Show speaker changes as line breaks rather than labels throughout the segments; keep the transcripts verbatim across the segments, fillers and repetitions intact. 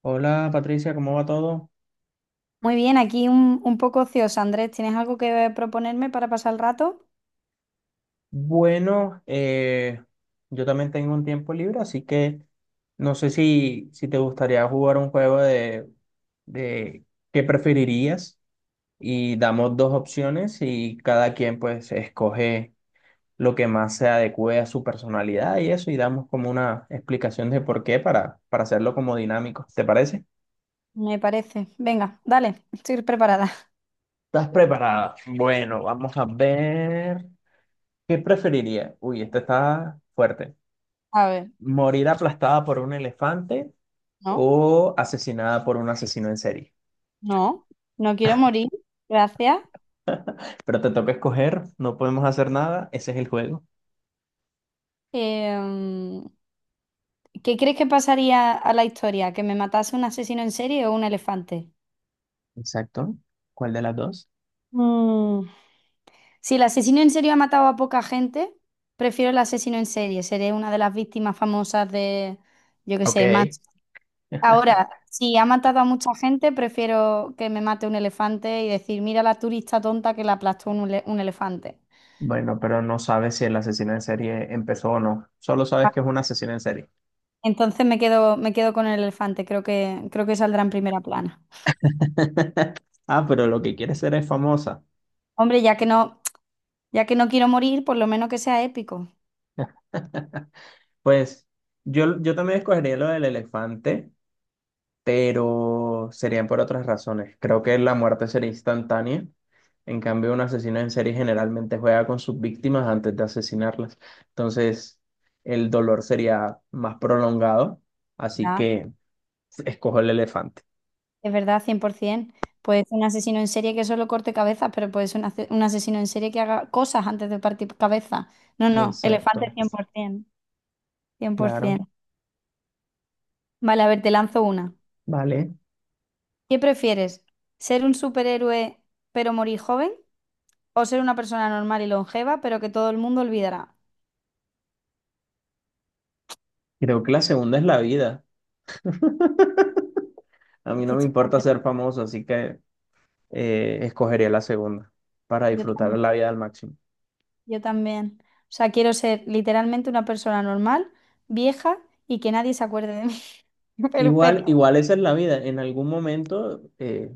Hola Patricia, ¿cómo va todo?
Muy bien, aquí un, un poco ocioso, Andrés. ¿Tienes algo que proponerme para pasar el rato?
Bueno, eh, yo también tengo un tiempo libre, así que no sé si, si te gustaría jugar un juego de, de qué preferirías, y damos dos opciones y cada quien pues escoge lo que más se adecue a su personalidad y eso, y damos como una explicación de por qué, para, para hacerlo como dinámico. ¿Te parece?
Me parece. Venga, dale, estoy preparada.
¿Estás preparada? Bueno, vamos a ver. ¿Qué preferiría? Uy, este está fuerte.
A ver,
Morir aplastada por un elefante
no,
o asesinada por un asesino en serie.
no, no quiero morir. Gracias.
Pero te toca escoger, no podemos hacer nada, ese es el juego.
Em, ¿Qué crees que pasaría a la historia? ¿Que me matase un asesino en serie o un elefante?
Exacto. ¿Cuál de las dos?
Mm, Si el asesino en serie ha matado a poca gente, prefiero el asesino en serie. Seré una de las víctimas famosas de, yo qué sé,
Ok.
más. Ahora, si ha matado a mucha gente, prefiero que me mate un elefante y decir, mira la turista tonta que la aplastó un, ele- un elefante.
Bueno, pero no sabes si el asesino en serie empezó o no. Solo sabes
Ah,
que es un asesino en serie.
entonces me quedo, me quedo con el elefante, creo que, creo que saldrá en primera plana.
Ah, pero lo que quiere ser es famosa.
Hombre, ya que no, ya que no quiero morir, por lo menos que sea épico.
Pues yo, yo también escogería lo del elefante, pero serían por otras razones. Creo que la muerte sería instantánea. En cambio, un asesino en serie generalmente juega con sus víctimas antes de asesinarlas. Entonces, el dolor sería más prolongado. Así
¿Verdad?
que escojo el elefante.
Es verdad, cien por ciento. Puede ser un asesino en serie que solo corte cabezas, pero puede ser un, ace- un asesino en serie que haga cosas antes de partir cabeza. No, no, elefante
Exacto.
cien cien, por ciento, cien por
Claro.
cien por ciento. Vale, a ver, te lanzo una.
Vale.
¿Qué prefieres? ¿Ser un superhéroe pero morir joven? ¿O ser una persona normal y longeva pero que todo el mundo olvidará?
Creo que la segunda es la vida. A
Es
mí
que
no me
estoy
importa
como-
ser famoso, así que eh, escogería la segunda para
yo,
disfrutar
tam-
la vida al máximo.
yo también. O sea, quiero ser literalmente una persona normal, vieja y que nadie se acuerde de mí. Pero
Igual,
pero,
igual esa es la vida. En algún momento eh,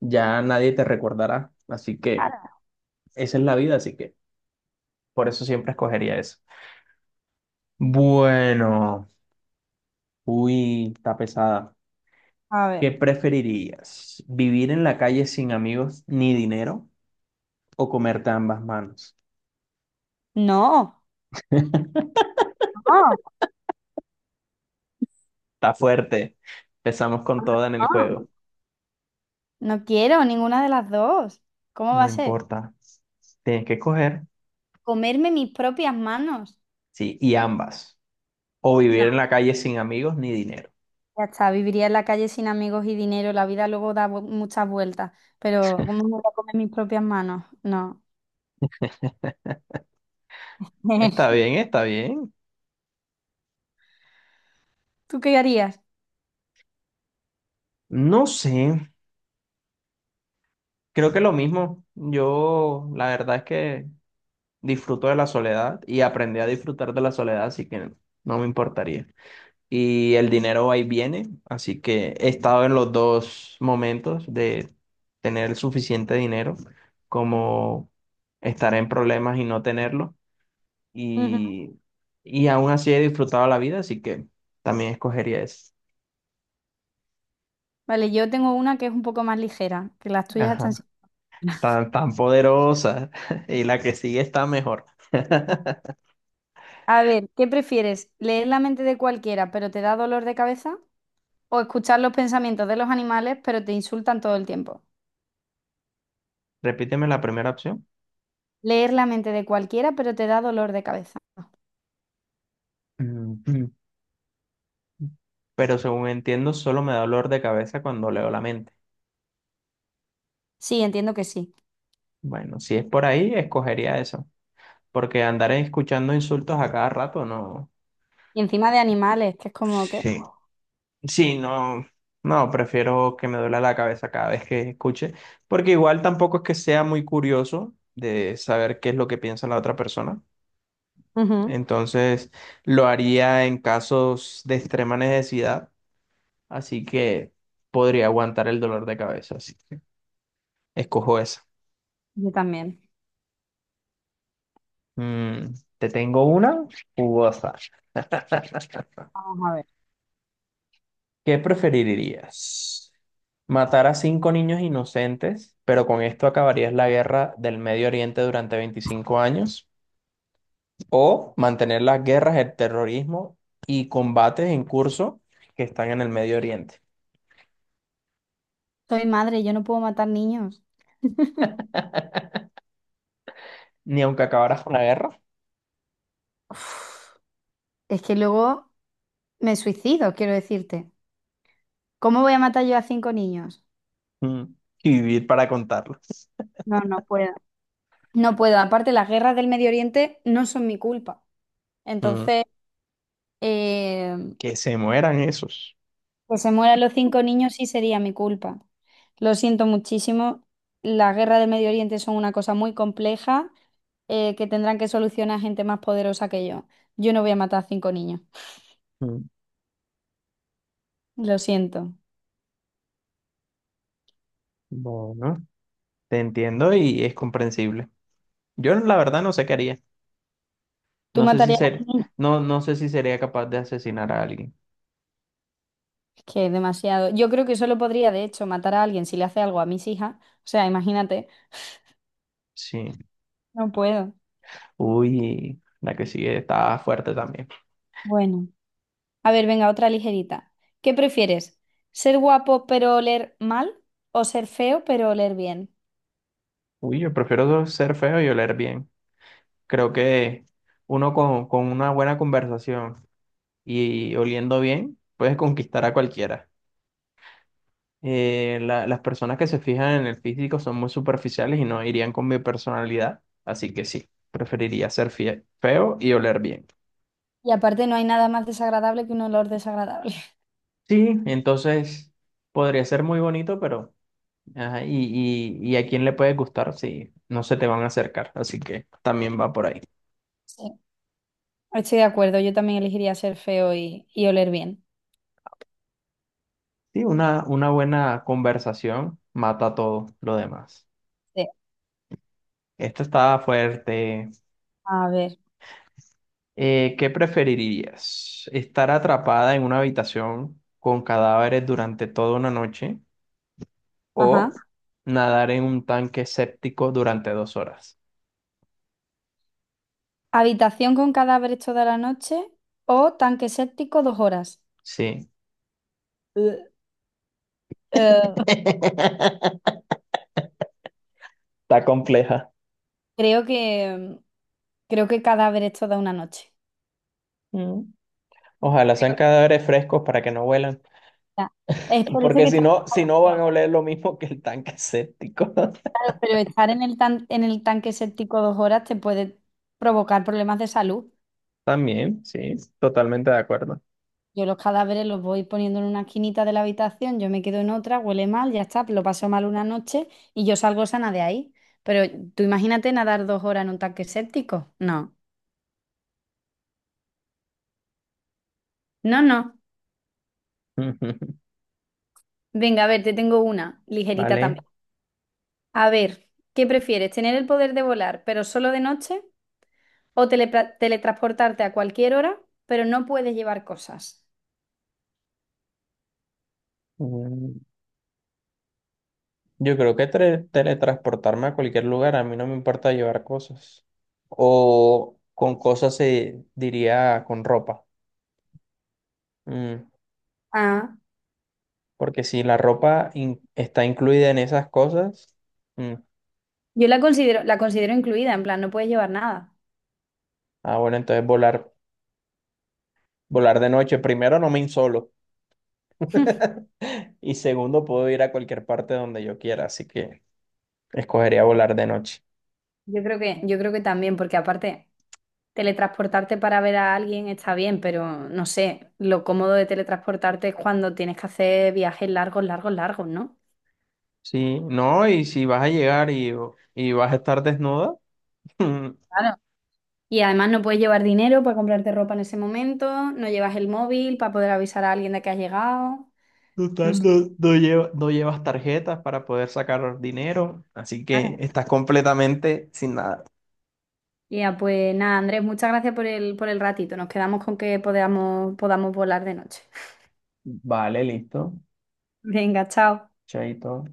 ya nadie te recordará. Así que
Claro.
esa es la vida, así que por eso siempre escogería eso. Bueno, uy, está pesada.
A ver.
¿Qué preferirías? ¿Vivir en la calle sin amigos ni dinero o comerte ambas manos?
No, no,
Está fuerte. Empezamos con toda en el juego.
no. No quiero ninguna de las dos. ¿Cómo va
No
a ser?
importa. Tienes que escoger.
Comerme mis propias manos.
Sí, y ambas. O vivir
No,
en la calle sin amigos ni dinero.
ya está, viviría en la calle sin amigos y dinero. La vida luego da vu- muchas vueltas, pero ¿cómo me voy a comer mis propias manos? No.
Está bien, está bien.
¿Tú qué harías?
No sé, creo que lo mismo. Yo la verdad es que disfruto de la soledad y aprendí a disfrutar de la soledad, así que no me importaría. Y el dinero va y viene, así que he estado en los dos momentos de tener el suficiente dinero como estar en problemas y no tenerlo.
Ujú.
Y, y aún así he disfrutado la vida, así que también escogería eso.
Vale, yo tengo una que es un poco más ligera, que las tuyas
Ajá,
están... siendo-
tan, tan poderosa y la que sigue está mejor.
A ver, ¿qué prefieres? ¿Leer la mente de cualquiera, pero te da dolor de cabeza? ¿O escuchar los pensamientos de los animales, pero te insultan todo el tiempo?
Repíteme la primera opción.
Leer la mente de cualquiera, pero te da dolor de cabeza.
Ujú. Pero según entiendo, solo me da dolor de cabeza cuando leo la mente.
Sí, entiendo que sí.
Bueno, si es por ahí, escogería eso. Porque andar escuchando insultos a cada rato, no.
Y encima de animales, que es como que...
Sí. Sí, no. No, prefiero que me duela la cabeza cada vez que escuche. Porque igual tampoco es que sea muy curioso de saber qué es lo que piensa la otra persona.
Ujú.
Entonces, lo haría en casos de extrema necesidad. Así que podría aguantar el dolor de cabeza. Sí. Escojo esa.
Yo también.
Mm, te tengo una jugosa.
Vamos a ver.
¿Qué preferirías? ¿Matar a cinco niños inocentes, pero con esto acabarías la guerra del Medio Oriente durante veinticinco años? ¿O mantener las guerras, el terrorismo y combates en curso que están en el Medio Oriente?
Soy madre, yo no puedo matar niños.
Ni aunque acabaras con la guerra,
Uf, es que luego me suicido, quiero decirte. ¿Cómo voy a matar yo a cinco niños?
mm, y vivir para contarlo.
No, no puedo. No puedo. Aparte, las guerras del Medio Oriente no son mi culpa.
Mm,
Entonces, eh,
que se mueran esos.
que se mueran los cinco niños sí sería mi culpa. Lo siento muchísimo. Las guerras del Medio Oriente son una cosa muy compleja, eh, que tendrán que solucionar gente más poderosa que yo. Yo no voy a matar a cinco niños.
Mm,
Lo siento.
bueno, te entiendo y es comprensible. Yo la verdad no sé qué haría.
¿Tú
No sé si
matarías a
ser,
niños?
no, no sé si sería capaz de asesinar a alguien.
Que demasiado. Yo creo que solo podría, de hecho, matar a alguien si le hace algo a mis hijas. O sea, imagínate,
Sí.
no puedo.
Uy, la que sigue está fuerte también.
Bueno, a ver, venga, otra ligerita. ¿Qué prefieres? ¿Ser guapo pero oler mal o ser feo pero oler bien?
Uy, yo prefiero ser feo y oler bien. Creo que uno con, con una buena conversación y oliendo bien puedes conquistar a cualquiera. Eh, la- las personas que se fijan en el físico son muy superficiales y no irían con mi personalidad. Así que sí, preferiría ser fie- feo y oler bien.
Y aparte no hay nada más desagradable que un olor desagradable.
Sí, entonces podría ser muy bonito, pero... Ajá, y, y, y a quién le puede gustar si no se te van a acercar, así que también va por ahí.
Sí, estoy de acuerdo, yo también elegiría ser feo y, y oler bien.
Sí, una, una buena conversación mata todo lo demás.
Sí.
Esta está fuerte.
A ver,
Eh, ¿qué preferirías? ¿Estar atrapada en una habitación con cadáveres durante toda una noche o
ajá.
nadar en un tanque séptico durante dos horas?
¿Habitación con cadáveres toda la noche o tanque séptico dos horas?
Sí.
Eh, eh,
Está compleja.
Creo que Creo que cadáver es toda una noche.
Mm. Ojalá sean
Creo que
cadáveres frescos para que no huelan.
está- Es por eso
Porque
que
si
está...
no, si no van a oler lo mismo que el tanque séptico.
Claro, pero estar en el tan- en el tanque séptico dos horas te puede provocar problemas de salud.
También, sí, totalmente de acuerdo.
Yo los cadáveres los voy poniendo en una esquinita de la habitación, yo me quedo en otra, huele mal, ya está, lo paso mal una noche y yo salgo sana de ahí. Pero tú imagínate nadar dos horas en un tanque séptico. No, no, no. Venga, a ver, te tengo una, ligerita
Vale.
también. A ver, ¿qué prefieres? ¿Tener el poder de volar, pero solo de noche? ¿O telepra- teletransportarte a cualquier hora, pero no puedes llevar cosas?
Mm, yo creo que tre- teletransportarme a cualquier lugar, a mí no me importa llevar cosas. O con cosas se diría con ropa. Mm,
Ah,
porque si la ropa in- está incluida en esas cosas, mm,
Yo la considero, la considero incluida, en plan, no puedes llevar nada.
ah, bueno, entonces volar, volar de noche. Primero, no me insolo. Y segundo, puedo ir a cualquier parte donde yo quiera, así que. Escogería volar de noche.
Yo creo que, yo creo que también, porque aparte, teletransportarte para ver a alguien está bien, pero no sé, lo cómodo de teletransportarte es cuando tienes que hacer viajes largos, largos, largos, ¿no?
Sí, no, y si vas a llegar y, y vas a estar desnuda,
Claro. Y además no puedes llevar dinero para comprarte ropa en ese momento, no llevas el móvil para poder avisar a alguien de que has llegado. No
total,
sé,
no, no lleva- no llevas tarjetas para poder sacar dinero, así que
claro.
estás completamente sin nada.
Ya, pues nada, Andrés, muchas gracias por el, por el ratito. Nos quedamos con que podamos, podamos volar de noche.
Vale, listo.
Venga, chao.
Chaito.